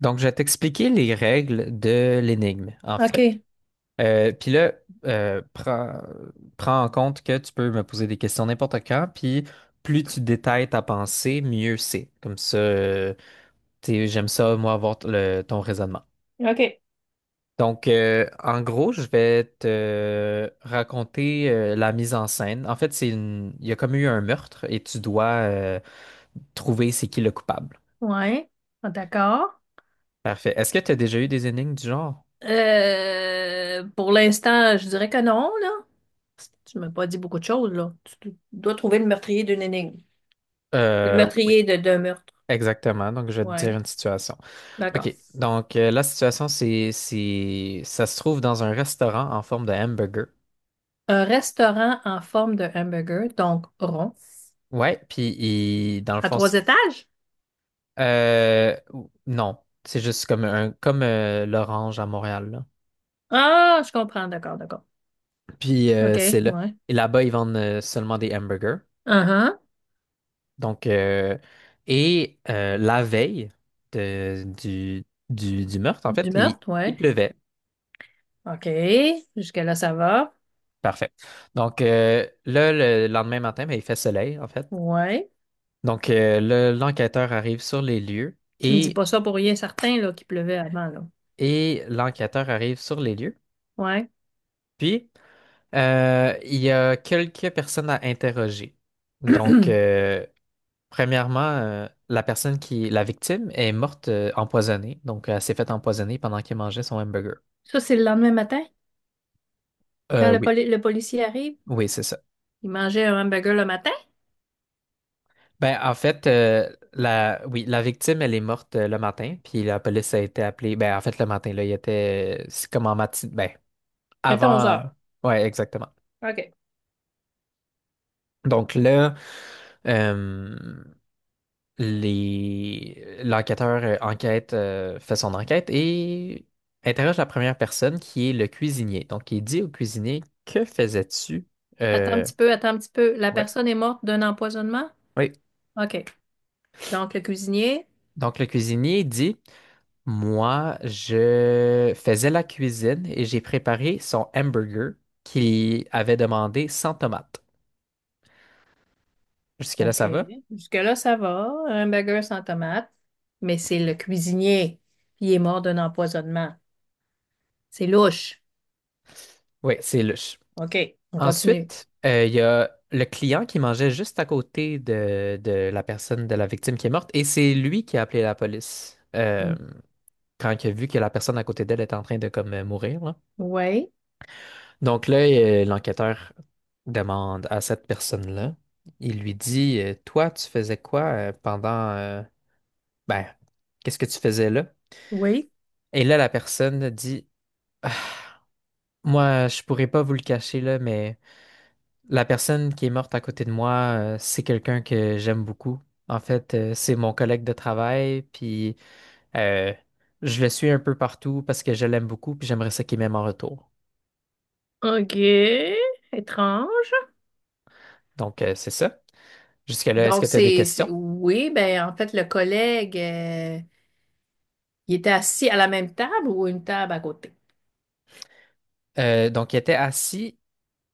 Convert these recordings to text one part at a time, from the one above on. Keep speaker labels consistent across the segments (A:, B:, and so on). A: Donc, je vais t'expliquer les règles de l'énigme, en fait.
B: OK.
A: Puis là, euh, prends, prends en compte que tu peux me poser des questions n'importe quand, puis plus tu détailles ta pensée, mieux c'est. Comme ça, tu sais, j'aime ça, moi, avoir ton raisonnement.
B: OK.
A: En gros, je vais te raconter la mise en scène. En fait, il y a comme eu un meurtre et tu dois trouver c'est qui le coupable.
B: Ouais. Ah, d'accord.
A: Parfait. Est-ce que tu as déjà eu des énigmes du genre?
B: Pour l'instant, je dirais que non, là. Tu m'as pas dit beaucoup de choses, là. Tu dois trouver le meurtrier d'une énigme. Le
A: Oui.
B: meurtrier de d'un meurtre.
A: Exactement. Donc, je vais te dire
B: Ouais.
A: une situation.
B: D'accord.
A: OK. Donc, la situation, ça se trouve dans un restaurant en forme de hamburger.
B: Un restaurant en forme de hamburger, donc rond,
A: Ouais. Puis, dans le
B: à
A: fond,
B: trois étages?
A: euh, non. C'est juste comme comme l'Orange à Montréal, là.
B: Ah, je comprends. D'accord, d'accord.
A: Puis, c'est
B: OK.
A: là.
B: Ouais.
A: Et là-bas, ils vendent seulement des hamburgers.
B: Uh-huh.
A: Donc, euh, la veille du meurtre, en fait,
B: Du meurtre,
A: il
B: ouais.
A: pleuvait.
B: OK. Jusqu'à là, ça va.
A: Parfait. Donc, là, le lendemain matin, ben, il fait soleil, en fait.
B: Ouais.
A: Donc, l'enquêteur arrive sur les lieux
B: Tu me dis pas ça pour rien certain, là, qu'il pleuvait avant, là.
A: et l'enquêteur arrive sur les lieux.
B: Ouais.
A: Puis, il y a quelques personnes à interroger. Donc, premièrement, la personne la victime, est morte empoisonnée. Donc, elle s'est faite empoisonner pendant qu'elle mangeait son hamburger.
B: Ça, c'est le lendemain matin, quand le,
A: Oui,
B: le policier arrive.
A: oui, c'est ça.
B: Il mangeait un hamburger le matin.
A: Ben, en fait, oui, la victime, elle est morte le matin, puis la police a été appelée. Ben, en fait, le matin, là, c'est comme en matin, ben,
B: Mettons onze
A: avant.
B: heures.
A: Ouais, exactement.
B: OK.
A: Donc là, euh, fait son enquête et interroge la première personne qui est le cuisinier. Donc il dit au cuisinier, «Que faisais-tu?»
B: Attends un
A: Euh,
B: petit peu, attends un petit peu. La
A: ouais,
B: personne est morte d'un empoisonnement?
A: oui.
B: OK. Donc, le cuisinier.
A: Donc le cuisinier dit, «Moi, je faisais la cuisine et j'ai préparé son hamburger qu'il avait demandé sans tomate.» Jusque-là,
B: OK.
A: ça va?
B: Jusque-là, ça va. Un hamburger sans tomate. Mais c'est le cuisinier qui est mort d'un empoisonnement. C'est louche.
A: Oui,
B: OK. On continue.
A: Ensuite, il y a le client qui mangeait juste à côté de la personne, de la victime qui est morte, et c'est lui qui a appelé la police
B: Hmm.
A: quand il a vu que la personne à côté d'elle était en train de comme mourir, là.
B: Oui.
A: Donc là, l'enquêteur demande à cette personne-là, il lui dit, «Toi, tu faisais quoi ben, qu'est-ce que tu faisais là?»
B: Oui.
A: Et là, la personne dit, «Ah, moi, je pourrais pas vous le cacher, là, mais... la personne qui est morte à côté de moi, c'est quelqu'un que j'aime beaucoup. En fait, c'est mon collègue de travail, puis euh, je le suis un peu partout parce que je l'aime beaucoup, puis j'aimerais ça qu'il m'aime en retour.»
B: OK. Étrange.
A: Donc, c'est ça. Jusque-là, est-ce que
B: Donc,
A: tu as des questions?
B: oui, ben, en fait, le collègue. Il était assis à la même table ou une table à côté?
A: Donc, il était assis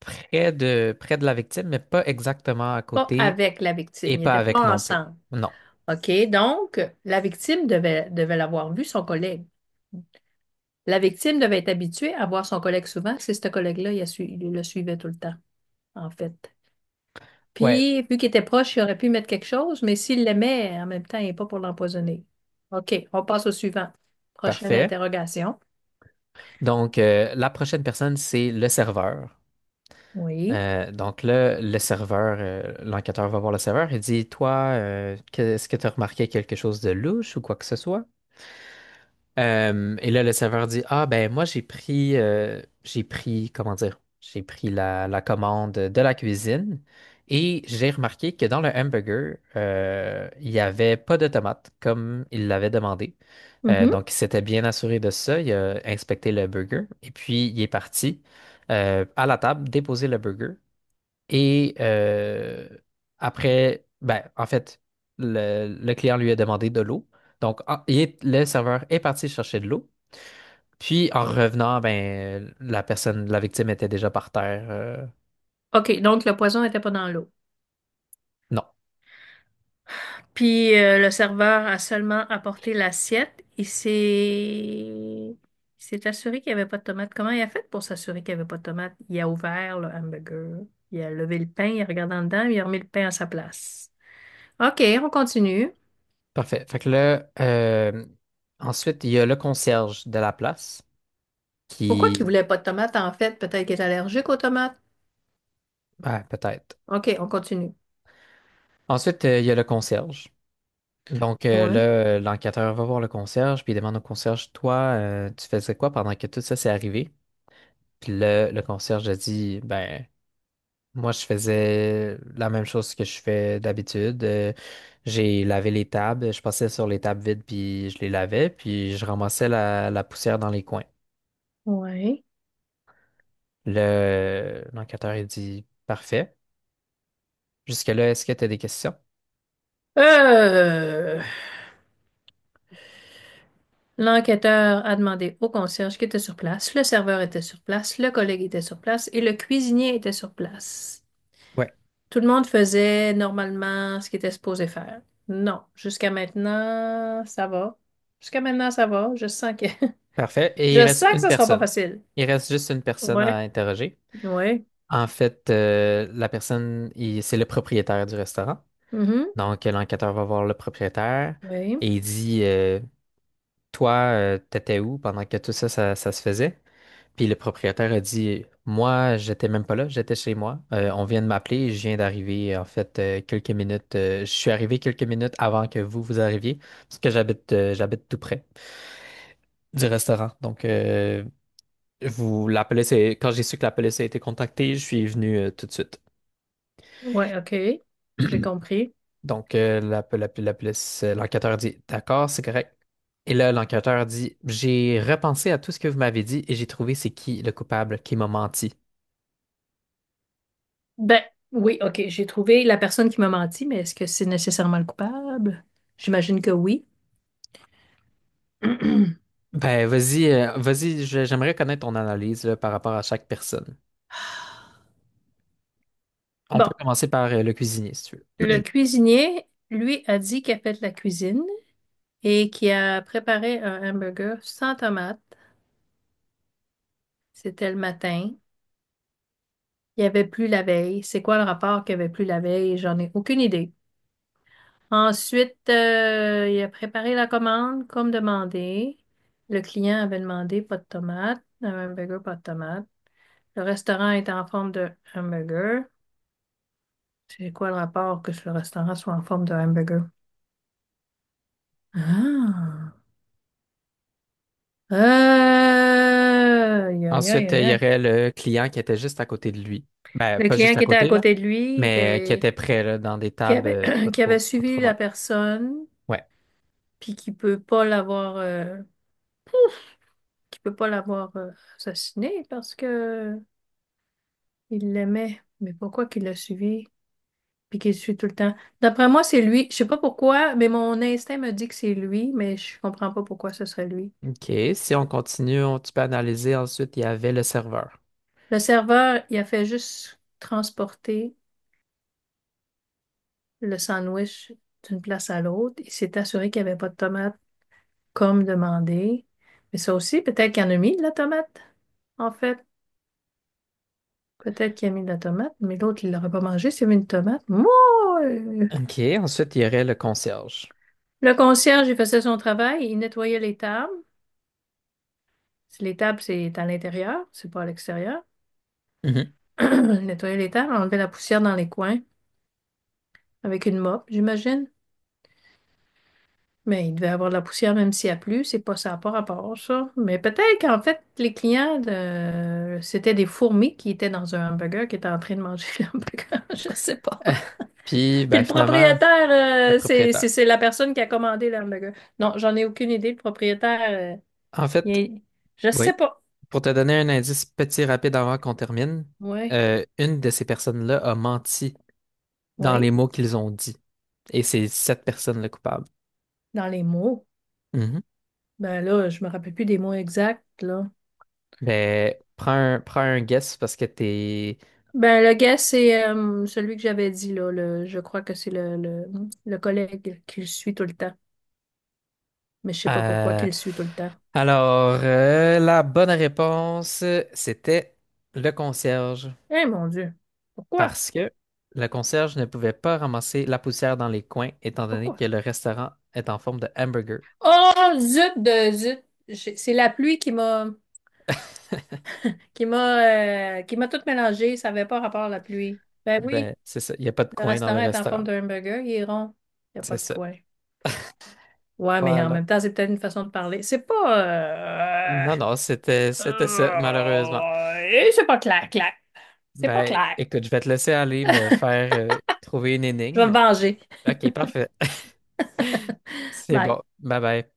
A: près près de la victime, mais pas exactement à
B: Pas
A: côté
B: avec la victime. Ils
A: et pas
B: n'étaient
A: avec
B: pas
A: non plus.
B: ensemble.
A: Non.
B: OK? Donc, la victime devait l'avoir vu, son collègue. La victime devait être habituée à voir son collègue souvent. C'est ce collègue-là, il le suivait tout le temps, en fait.
A: Ouais,
B: Puis, vu qu'il était proche, il aurait pu mettre quelque chose, mais s'il l'aimait, en même temps, il n'est pas pour l'empoisonner. OK, on passe au suivant. Prochaine
A: parfait.
B: interrogation.
A: Donc, la prochaine personne, c'est le serveur.
B: Oui.
A: Donc là, l'enquêteur va voir le serveur et dit, «Toi, est-ce que tu as remarqué quelque chose de louche ou quoi que ce soit?» Et là, le serveur dit, «Ah, ben moi, j'ai pris, comment dire, j'ai pris la commande de la cuisine et j'ai remarqué que dans le hamburger, il n'y avait pas de tomates comme il l'avait demandé.»
B: Mhm.
A: Donc, il s'était bien assuré de ça. Il a inspecté le burger et puis il est parti à la table déposer le burger. Et euh, en fait, le client lui a demandé de l'eau. Donc, le serveur est parti chercher de l'eau. Puis, en revenant, ben, la victime était déjà par terre.
B: OK, donc le poison n'était pas dans l'eau.
A: Non.
B: Puis le serveur a seulement apporté l'assiette et s'est il s'est assuré qu'il n'y avait pas de tomate. Comment il a fait pour s'assurer qu'il n'y avait pas de tomate? Il a ouvert le hamburger, il a levé le pain, il a regardé en dedans, il a remis le pain à sa place. OK, on continue.
A: Parfait. Fait que là, ensuite, il y a le concierge de la place
B: Pourquoi qu'il
A: qui,
B: voulait pas de tomate en fait? Peut-être qu'il est allergique aux tomates.
A: ben, peut-être.
B: OK, on continue.
A: Ensuite, il y a le concierge. Donc,
B: Ouais.
A: l'enquêteur va voir le concierge, puis il demande au concierge, «Toi, tu faisais quoi pendant que tout ça s'est arrivé?» Puis le concierge a dit, «Ben, moi, je faisais la même chose que je fais d'habitude. J'ai lavé les tables, je passais sur les tables vides, puis je les lavais, puis je ramassais la poussière dans les coins.»
B: Ouais.
A: L'enquêteur a dit, «Parfait. Jusque-là, est-ce que tu as des questions?»
B: Euh, L'enquêteur a demandé au concierge qui était sur place, le serveur était sur place, le collègue était sur place et le cuisinier était sur place.
A: Ouais.
B: Tout le monde faisait normalement ce qu'il était supposé faire. Non, jusqu'à maintenant, ça va. Jusqu'à maintenant, ça va. Je sens que
A: Parfait. Et il
B: je
A: reste
B: sens que
A: une
B: ça sera pas
A: personne.
B: facile.
A: Il reste juste une personne à
B: Ouais,
A: interroger.
B: ouais.
A: En fait, c'est le propriétaire du restaurant.
B: Mhm.
A: Donc, l'enquêteur va voir le propriétaire
B: Oui.
A: et il dit, «Toi, t'étais où pendant que tout ça, ça se faisait?» Puis le propriétaire a dit, «Moi, j'étais même pas là, j'étais chez moi. On vient de m'appeler, je viens d'arriver, en fait, quelques minutes. Je suis arrivé quelques minutes avant que vous arriviez, parce que j'habite tout près du restaurant. Donc, vous, la police est- quand j'ai su que la police a été contactée, je suis venu, tout de suite.»
B: Ouais, OK. J'ai compris.
A: Donc, la police, l'enquêteur dit, «D'accord, c'est correct.» Et là, l'enquêteur dit, «J'ai repensé à tout ce que vous m'avez dit et j'ai trouvé c'est qui le coupable qui m'a menti.»
B: Ben, oui, OK, j'ai trouvé la personne qui m'a menti, mais est-ce que c'est nécessairement le coupable? J'imagine que oui.
A: Ben, vas-y, j'aimerais connaître ton analyse là, par rapport à chaque personne. On peut
B: Bon,
A: commencer par le cuisinier, si tu veux.
B: le cuisinier, lui, a dit qu'il a fait de la cuisine et qu'il a préparé un hamburger sans tomate. C'était le matin. Il n'y avait plus la veille. C'est quoi le rapport qu'il n'y avait plus la veille? J'en ai aucune idée. Ensuite, il a préparé la commande comme demandé. Le client avait demandé pas de tomate, un hamburger, pas de tomate. Le restaurant est en forme de hamburger. C'est quoi le rapport que le restaurant soit en forme de hamburger? Ah! Aïe, aïe, aïe,
A: Ensuite,
B: aïe,
A: il y
B: aïe.
A: aurait le client qui était juste à côté de lui. Ben,
B: Le
A: pas
B: client
A: juste à
B: qui était à
A: côté, là,
B: côté de lui
A: mais qui
B: était
A: était près, là, dans des
B: qui
A: tables
B: avait qui avait
A: pas
B: suivi
A: trop loin.
B: la personne
A: Ouais,
B: puis qui peut pas l'avoir. Qui peut pas l'avoir assassiné parce que il l'aimait. Mais pourquoi qu'il l'a suivi puis qu'il le suit tout le temps? D'après moi, c'est lui. Je sais pas pourquoi, mais mon instinct me dit que c'est lui, mais je comprends pas pourquoi ce serait lui.
A: OK. Si on continue, tu peux analyser. Ensuite, il y avait le serveur.
B: Le serveur, il a fait juste transporter le sandwich d'une place à l'autre. Il s'est assuré qu'il n'y avait pas de tomate comme demandé. Mais ça aussi, peut-être qu'il en a mis de la tomate, en fait. Peut-être qu'il a mis de la tomate, mais l'autre, il l'aurait pas mangé s'il y avait une tomate. Moi!
A: OK. Ensuite, il y aurait le concierge.
B: Le concierge, il faisait son travail, il nettoyait les tables. Si les tables, c'est à l'intérieur, c'est pas à l'extérieur.
A: Mhm.
B: Il nettoyait les tables, enlevait la poussière dans les coins avec une mop, j'imagine. Mais il devait avoir de la poussière même s'il y a plu, c'est pas ça n'a pas rapport, ça. Mais peut-être qu'en fait, les clients, c'était des fourmis qui étaient dans un hamburger, qui étaient en train de manger l'hamburger, je sais pas.
A: Puis,
B: Puis
A: ben,
B: le
A: finalement,
B: propriétaire,
A: le
B: euh,
A: propriétaire.
B: c'est la personne qui a commandé l'hamburger. Non, j'en ai aucune idée. Le propriétaire, euh,
A: En
B: il
A: fait,
B: est- je sais
A: oui,
B: pas.
A: pour te donner un indice petit rapide avant qu'on termine,
B: Ouais.
A: une de ces personnes-là a menti dans les
B: Oui.
A: mots qu'ils ont dit. Et c'est cette personne le coupable.
B: Dans les mots.
A: Mhm.
B: Ben là, je me rappelle plus des mots exacts, là.
A: Ben, prends un guess parce que
B: Ben, le gars, c'est celui que j'avais dit, là. Je crois que c'est le collègue qui le suit tout le temps. Mais je sais pas pourquoi
A: euh,
B: qu'il le suit tout le temps.
A: alors, la bonne réponse, c'était le concierge.
B: Eh mon Dieu! Pourquoi?
A: Parce que le concierge ne pouvait pas ramasser la poussière dans les coins, étant donné
B: Pourquoi?
A: que le restaurant est en forme de hamburger.
B: Oh, zut de zut! J'ai- C'est la pluie qui m'a qui m'a tout mélangé. Ça avait pas rapport à la pluie. Ben oui,
A: Ben, c'est ça. Il n'y a pas de
B: le
A: coin dans le
B: restaurant est en forme
A: restaurant.
B: d'un hamburger, il est rond. Il n'y a
A: C'est
B: pas de
A: ça.
B: coin. Ouais, mais en
A: Voilà.
B: même temps, c'est peut-être une façon de parler. C'est pas... euh,
A: Non, non, c'était, c'était ça, malheureusement.
B: Et c'est pas clair, clair. C'est pas
A: Ben,
B: clair.
A: écoute, je vais te laisser aller me
B: Je
A: faire trouver une
B: vais
A: énigme.
B: me venger.
A: OK, parfait. C'est
B: Bye.
A: bon. Bye bye.